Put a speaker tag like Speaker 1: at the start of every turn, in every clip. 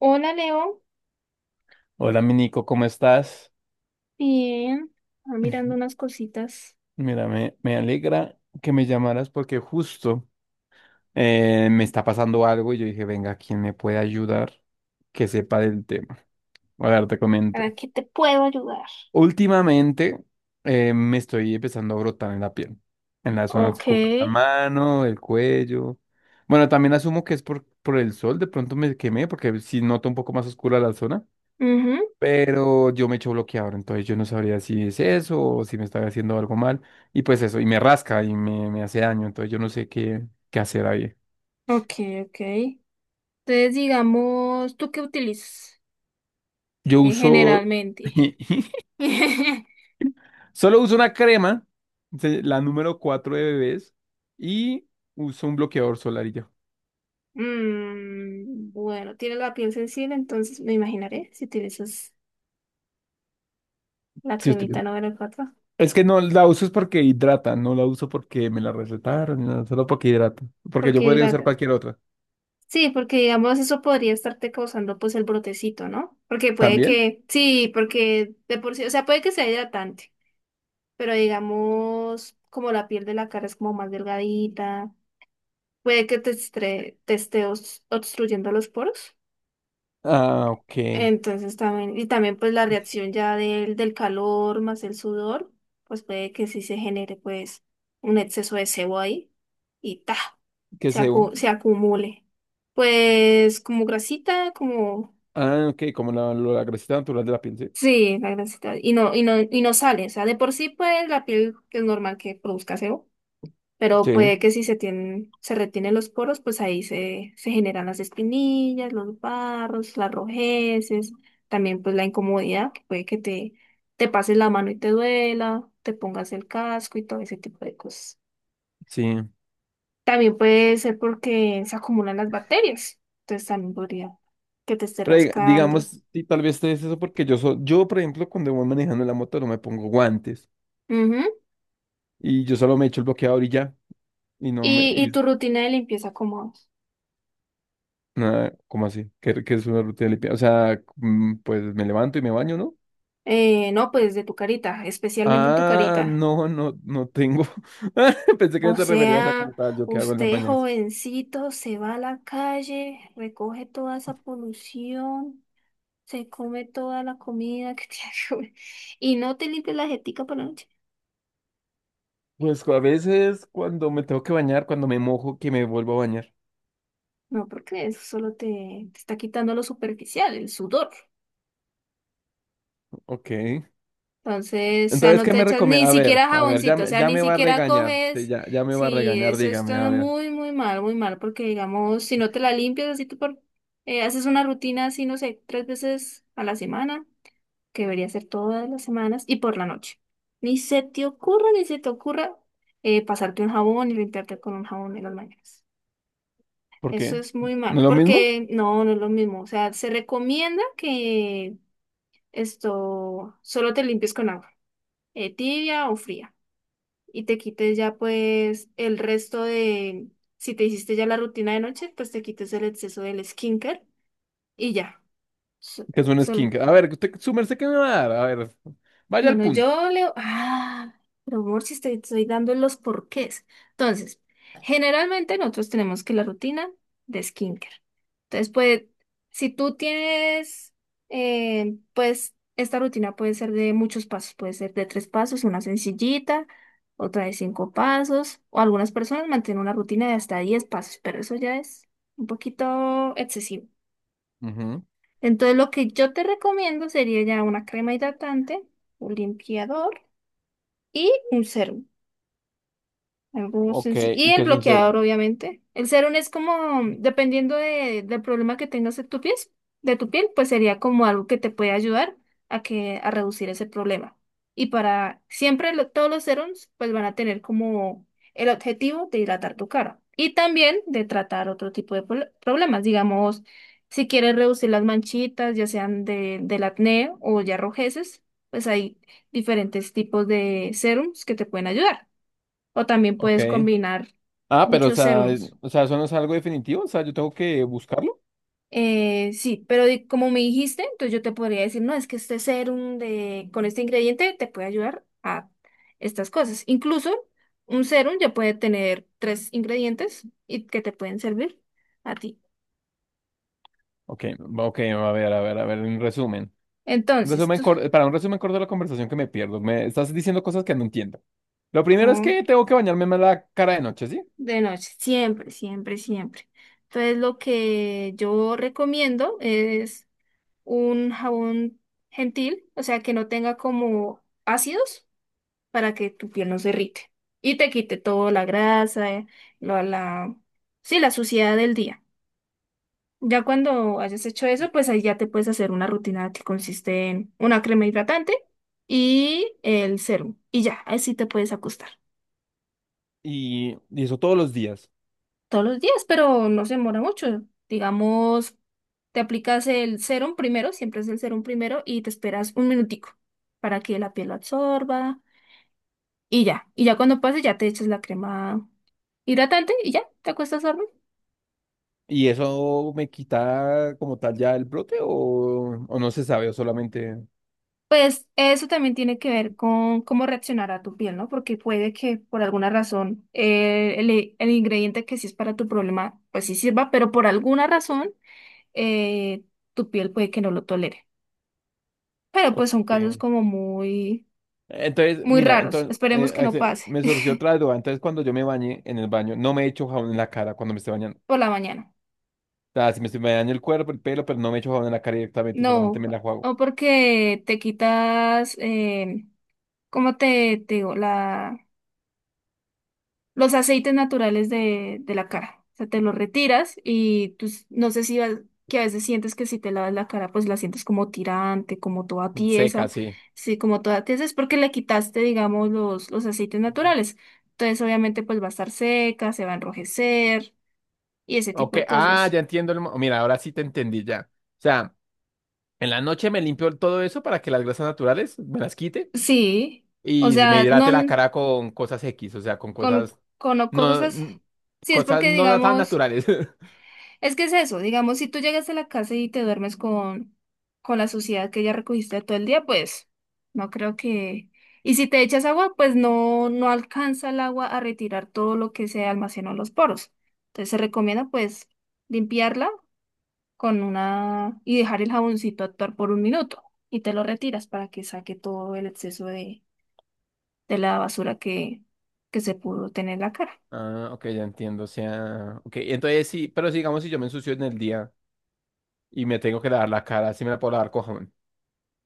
Speaker 1: Hola Leo,
Speaker 2: Hola, mi Nico, ¿cómo estás?
Speaker 1: bien, ah, mirando unas cositas.
Speaker 2: Mira, me alegra que me llamaras porque justo me está pasando algo y yo dije, venga, ¿quién me puede ayudar que sepa del tema? A ver, te comento.
Speaker 1: ¿Para qué te puedo ayudar?
Speaker 2: Últimamente me estoy empezando a brotar en la piel, en las zonas
Speaker 1: Ok,
Speaker 2: como la mano, el cuello. Bueno, también asumo que es por el sol, de pronto me quemé porque si noto un poco más oscura la zona.
Speaker 1: ujú,
Speaker 2: Pero yo me echo bloqueador, entonces yo no sabría si es eso o si me está haciendo algo mal. Y pues eso, y me rasca y me hace daño, entonces yo no sé qué hacer ahí.
Speaker 1: ok, ok. Entonces, digamos, ¿tú qué utilizas
Speaker 2: Yo uso,
Speaker 1: generalmente?
Speaker 2: solo uso una crema, la número 4 de bebés, y uso un bloqueador solar y ya.
Speaker 1: Mm, bueno, tienes la piel sensible, entonces me imaginaré si utilizas la
Speaker 2: Si usted-
Speaker 1: cremita número 4.
Speaker 2: Es que no la uso es porque hidrata, no la uso porque me la recetaron, no, solo porque hidrata. Porque yo
Speaker 1: Porque
Speaker 2: podría usar
Speaker 1: hidrata.
Speaker 2: cualquier otra.
Speaker 1: Sí, porque digamos eso podría estarte causando pues el brotecito, ¿no? Porque puede
Speaker 2: ¿También?
Speaker 1: que, sí, porque de por sí, o sea, puede que sea hidratante. Pero digamos, como la piel de la cara es como más delgadita, puede que te esté obstruyendo los poros.
Speaker 2: Ah, ok.
Speaker 1: Entonces también, y también pues la reacción ya del calor más el sudor, pues puede que sí se genere pues un exceso de sebo ahí y
Speaker 2: ¿Qué sebo?
Speaker 1: se acumule. Pues como grasita.
Speaker 2: Ah, ok, como la grasita natural de la piel, ¿sí?
Speaker 1: Sí, la grasita. Y no, y no, y no sale. O sea, de por sí pues la piel es normal que produzca sebo. Pero
Speaker 2: Sí,
Speaker 1: puede que si se tienen, se retienen los poros, pues ahí se generan las espinillas, los barros, las rojeces, también pues la incomodidad, que puede que te pases la mano y te duela, te pongas el casco y todo ese tipo de cosas.
Speaker 2: sí.
Speaker 1: También puede ser porque se acumulan las bacterias, entonces también podría que te esté
Speaker 2: Pero
Speaker 1: rascando.
Speaker 2: digamos, y tal vez te es eso porque yo, por ejemplo, cuando voy manejando la moto no me pongo guantes
Speaker 1: Ujú.
Speaker 2: y yo solo me echo el bloqueador y ya. Y no me...
Speaker 1: Y
Speaker 2: Y,
Speaker 1: tu rutina de limpieza como,
Speaker 2: nada, ¿cómo así? ¿Qué es una rutina limpia? O sea, pues me levanto y me baño, ¿no?
Speaker 1: no, pues de tu carita, especialmente en tu
Speaker 2: Ah,
Speaker 1: carita.
Speaker 2: no tengo. Pensé que
Speaker 1: O
Speaker 2: te referías a
Speaker 1: sea,
Speaker 2: como tal, yo qué hago en las
Speaker 1: usted
Speaker 2: mañanas.
Speaker 1: jovencito se va a la calle, recoge toda esa polución, se come toda la comida que tiene que comer y no te limpia la jetica por la noche.
Speaker 2: Pues a veces cuando me tengo que bañar, cuando me mojo, que me vuelvo a bañar.
Speaker 1: No, porque eso solo te está quitando lo superficial, el sudor.
Speaker 2: Ok.
Speaker 1: Entonces, o sea,
Speaker 2: Entonces,
Speaker 1: no
Speaker 2: ¿qué
Speaker 1: te
Speaker 2: me
Speaker 1: echas ni
Speaker 2: recomienda?
Speaker 1: siquiera
Speaker 2: A ver,
Speaker 1: jaboncito, o sea,
Speaker 2: ya
Speaker 1: ni
Speaker 2: me va a
Speaker 1: siquiera
Speaker 2: regañar. Sí,
Speaker 1: coges.
Speaker 2: ya me va a
Speaker 1: Sí,
Speaker 2: regañar,
Speaker 1: eso
Speaker 2: dígame,
Speaker 1: está
Speaker 2: a ver.
Speaker 1: muy, muy mal, porque digamos, si no te la limpias así tú por, haces una rutina así, no sé, tres veces a la semana, que debería ser todas las semanas, y por la noche. Ni se te ocurra, ni se te ocurra pasarte un jabón y limpiarte con un jabón en las mañanas.
Speaker 2: ¿Por
Speaker 1: Eso
Speaker 2: qué?
Speaker 1: es muy malo,
Speaker 2: ¿Lo mismo?
Speaker 1: porque no, no es lo mismo. O sea, se recomienda que esto solo te limpies con agua, tibia o fría, y te quites ya pues el resto de, si te hiciste ya la rutina de noche, pues te quites el exceso del skincare y ya. So-
Speaker 2: Que es un
Speaker 1: Solo.
Speaker 2: skin. A ver, usted, su merced, ¿qué me va a dar? A ver, vaya al
Speaker 1: Bueno,
Speaker 2: punto.
Speaker 1: yo, Leo, ah, pero amor, si estoy dando los porqués. Entonces, generalmente nosotros tenemos que la rutina de skincare. Entonces, pues, si tú tienes, pues, esta rutina puede ser de muchos pasos, puede ser de tres pasos, una sencillita, otra de cinco pasos, o algunas personas mantienen una rutina de hasta 10 pasos, pero eso ya es un poquito excesivo.
Speaker 2: Ujú,
Speaker 1: Entonces, lo que yo te recomiendo sería ya una crema hidratante, un limpiador y un serum. Algo
Speaker 2: ok,
Speaker 1: sencillo. Y
Speaker 2: ¿y
Speaker 1: el
Speaker 2: qué es un
Speaker 1: bloqueador,
Speaker 2: cero?
Speaker 1: obviamente. El serum es como, dependiendo de, del problema que tengas en tu piel, de tu piel, pues sería como algo que te puede ayudar a que, a reducir ese problema. Y para siempre todos los serums, pues van a tener como el objetivo de hidratar tu cara. Y también de tratar otro tipo de problemas. Digamos, si quieres reducir las manchitas, ya sean de, del acné o ya rojeces, pues hay diferentes tipos de serums que te pueden ayudar. O también
Speaker 2: Ok.
Speaker 1: puedes combinar
Speaker 2: Ah, pero, o
Speaker 1: muchos
Speaker 2: sea,
Speaker 1: serums.
Speaker 2: o sea, eso no es algo definitivo, o sea, yo tengo que buscarlo.
Speaker 1: Sí, pero como me dijiste, entonces yo te podría decir, no, es que este serum de, con este ingrediente te puede ayudar a estas cosas. Incluso un serum ya puede tener tres ingredientes y que te pueden servir a ti.
Speaker 2: Ok, ok, a ver, a ver, a ver, un resumen.
Speaker 1: Entonces, tú,
Speaker 2: Para un resumen corto de la conversación que me pierdo. Me estás diciendo cosas que no entiendo. Lo primero es
Speaker 1: con-
Speaker 2: que tengo que bañarme más la cara de noche, ¿sí?
Speaker 1: de noche, siempre, siempre, siempre. Entonces, lo que yo recomiendo es un jabón gentil, o sea, que no tenga como ácidos para que tu piel no se irrite y te quite toda la grasa, lo- la, sí, la suciedad del día. Ya cuando hayas hecho eso, pues ahí ya te puedes hacer una rutina que consiste en una crema hidratante y el serum. Y ya, ahí sí te puedes acostar
Speaker 2: Y eso todos los días.
Speaker 1: todos los días, pero no se demora mucho. Digamos, te aplicas el serum primero, siempre es el serum primero, y te esperas un minutico para que la piel lo absorba. Y ya, cuando pase ya te echas la crema hidratante y ya, te acuestas a dormir.
Speaker 2: ¿Y eso me quita como tal ya el brote o no se sabe o solamente...
Speaker 1: Pues eso también tiene que ver con cómo reaccionar a tu piel, ¿no? Porque puede que por alguna razón el ingrediente que sí es para tu problema, pues sí sirva, pero por alguna razón eh, tu piel puede que no lo tolere. Pero pues
Speaker 2: ok.
Speaker 1: son casos como muy,
Speaker 2: Entonces,
Speaker 1: muy
Speaker 2: mira,
Speaker 1: raros.
Speaker 2: entonces
Speaker 1: Esperemos que no pase
Speaker 2: me surgió otra duda. Entonces, cuando yo me bañé en el baño, no me echo jabón en la cara cuando me estoy bañando.
Speaker 1: por la mañana.
Speaker 2: O sea, si me estoy bañando el cuerpo, el pelo, pero no me echo jabón en la cara directamente,
Speaker 1: No,
Speaker 2: solamente me la
Speaker 1: o
Speaker 2: juego.
Speaker 1: porque te quitas, ¿cómo te digo? Los aceites naturales de la cara. O sea, te los retiras y pues, no sé si que a veces sientes que si te lavas la cara, pues la sientes como tirante, como toda
Speaker 2: Seca,
Speaker 1: tiesa.
Speaker 2: sí.
Speaker 1: Sí, como toda tiesa es porque le quitaste, digamos, los aceites naturales. Entonces, obviamente, pues va a estar seca, se va a enrojecer y ese tipo
Speaker 2: Ok,
Speaker 1: de
Speaker 2: ah,
Speaker 1: cosas.
Speaker 2: ya entiendo. Mira, ahora sí te entendí ya. O sea, en la noche me limpio todo eso para que las grasas naturales me las quite.
Speaker 1: Sí, o
Speaker 2: Y me
Speaker 1: sea, no
Speaker 2: hidrate la cara con cosas X, o sea, con
Speaker 1: con,
Speaker 2: cosas
Speaker 1: con o
Speaker 2: no,
Speaker 1: cosas.
Speaker 2: n-
Speaker 1: Sí, es
Speaker 2: cosas
Speaker 1: porque,
Speaker 2: no tan
Speaker 1: digamos.
Speaker 2: naturales.
Speaker 1: Es que es eso, digamos, si tú llegas a la casa y te duermes con la suciedad que ya recogiste todo el día, pues no creo que. Y si te echas agua, pues no, no alcanza el agua a retirar todo lo que se almacenó en los poros. Entonces se recomienda pues limpiarla con una y dejar el jaboncito actuar por un minuto y te lo retiras para que saque todo el exceso de la basura que se pudo tener en la cara.
Speaker 2: Ah, ok, ya entiendo, o sea, ok, entonces sí, pero sigamos si digamos si yo me ensucio en el día y me tengo que lavar la cara, sí me la puedo lavar con jabón,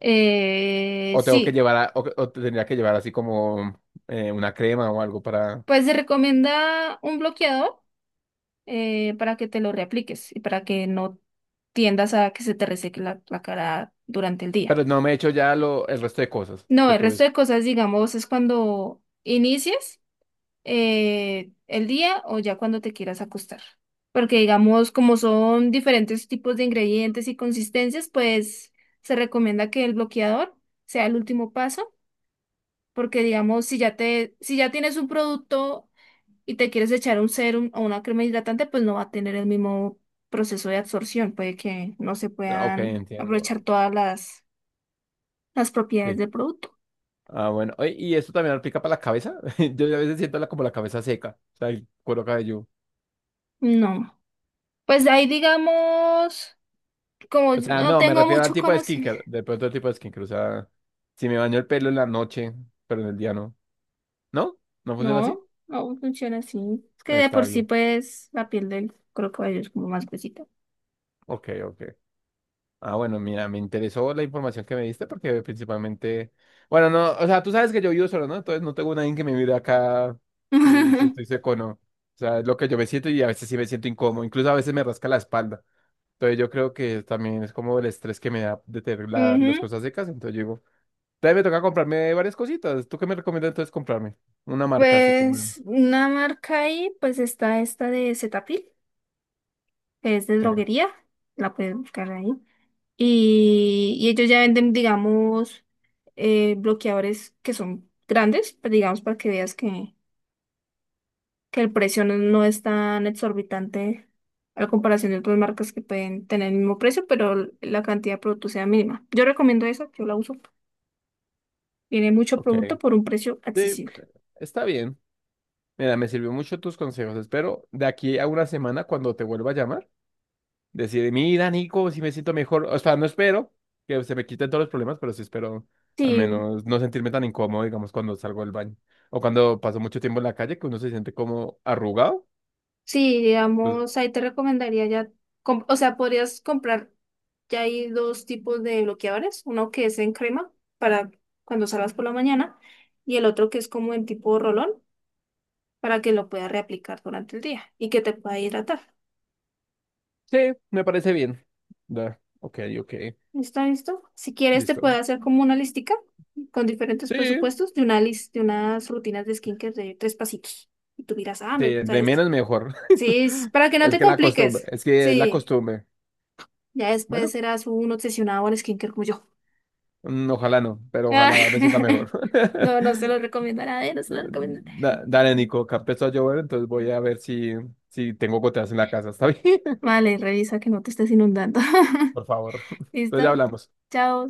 Speaker 2: o tengo que
Speaker 1: Sí,
Speaker 2: llevar, o tendría que llevar así como una crema o algo para,
Speaker 1: pues se recomienda un bloqueador, para que te lo reapliques y para que no tiendas a que se te reseque la cara durante el día.
Speaker 2: pero no me he hecho ya lo, el resto de cosas
Speaker 1: No,
Speaker 2: que
Speaker 1: el resto
Speaker 2: tuve.
Speaker 1: de cosas, digamos, es cuando inicias el día o ya cuando te quieras acostar. Porque, digamos, como son diferentes tipos de ingredientes y consistencias, pues se recomienda que el bloqueador sea el último paso. Porque, digamos, si ya tienes un producto y te quieres echar un serum o una crema hidratante, pues no va a tener el mismo proceso de absorción. Puede que no se
Speaker 2: Ah, ok,
Speaker 1: puedan
Speaker 2: entiendo.
Speaker 1: aprovechar todas las propiedades
Speaker 2: Sí.
Speaker 1: del producto.
Speaker 2: Ah, bueno, oye, ¿y esto también aplica para la cabeza? Yo a veces siento la, como la cabeza seca, o sea, el cuero cabelludo.
Speaker 1: No. Pues de ahí digamos, como
Speaker 2: O
Speaker 1: yo
Speaker 2: sea,
Speaker 1: no
Speaker 2: no, me
Speaker 1: tengo
Speaker 2: refiero al
Speaker 1: mucho
Speaker 2: tipo de
Speaker 1: conocimiento.
Speaker 2: skincare, de pronto el tipo de skincare, o sea, si me baño el pelo en la noche, pero en el día no. ¿No? ¿No funciona así?
Speaker 1: No, no funciona así. Es que de
Speaker 2: Está
Speaker 1: por sí,
Speaker 2: bien.
Speaker 1: pues, la piel del crocodilo es como más gruesita.
Speaker 2: Ok, ok. Ah, bueno, mira, me interesó la información que me diste porque principalmente, bueno, no, o sea, tú sabes que yo vivo solo, ¿no? Entonces no tengo nadie que me mire acá si estoy seco o no. O sea, es lo que yo me siento y a veces sí me siento incómodo, incluso a veces me rasca la espalda. Entonces yo creo que también es como el estrés que me da de tener las
Speaker 1: Ujú.
Speaker 2: cosas secas, entonces yo digo... Entonces me toca comprarme varias cositas. ¿Tú qué me recomiendas entonces comprarme? Una marca así como...
Speaker 1: Pues una marca ahí, pues está esta de Cetaphil, que es de
Speaker 2: Sí,
Speaker 1: droguería. La puedes buscar ahí. Y ellos ya venden, digamos, bloqueadores que son grandes, pues, digamos, para que veas que, el precio no, no es tan exorbitante a la comparación de otras marcas que pueden tener el mismo precio, pero la cantidad de producto sea mínima. Yo recomiendo esa, yo la uso. Tiene mucho
Speaker 2: ok.
Speaker 1: producto por un precio
Speaker 2: Sí,
Speaker 1: accesible.
Speaker 2: está bien. Mira, me sirvió mucho tus consejos. Espero de aquí a una semana cuando te vuelva a llamar, decir, mira, Nico, si me siento mejor. O sea, no espero que se me quiten todos los problemas, pero sí espero al
Speaker 1: Sí,
Speaker 2: menos no sentirme tan incómodo, digamos, cuando salgo del baño. O cuando paso mucho tiempo en la calle, que uno se siente como arrugado.
Speaker 1: sí,
Speaker 2: Entonces,
Speaker 1: digamos, ahí te recomendaría ya, o sea, podrías comprar. Ya hay dos tipos de bloqueadores, uno que es en crema para cuando salgas por la mañana y el otro que es como en tipo rolón para que lo puedas reaplicar durante el día y que te pueda hidratar.
Speaker 2: sí, me parece bien. Da, ok, ok.
Speaker 1: ¿Está listo? Si quieres te puedo
Speaker 2: Listo.
Speaker 1: hacer como una listica con diferentes
Speaker 2: Sí,
Speaker 1: presupuestos de de unas rutinas de skincare de tres pasitos. Y tú dirás, ah, me gusta
Speaker 2: de
Speaker 1: esta.
Speaker 2: menos mejor.
Speaker 1: Sí, sí, para que no
Speaker 2: Es
Speaker 1: te
Speaker 2: que la costumbre,
Speaker 1: compliques.
Speaker 2: es que es la
Speaker 1: Sí,
Speaker 2: costumbre.
Speaker 1: ya después
Speaker 2: Bueno,
Speaker 1: serás un obsesionado al skincare como yo.
Speaker 2: ojalá no, pero ojalá me sienta mejor.
Speaker 1: No, no se los recomiendo a nadie, no se los recomiendo.
Speaker 2: Dale, Nico, que empezó a llover, entonces voy a ver si, si tengo goteras en la casa, ¿está bien?
Speaker 1: Vale, revisa que no te estés inundando.
Speaker 2: Por favor. Entonces ya
Speaker 1: ¿Listo?
Speaker 2: hablamos.
Speaker 1: Chao.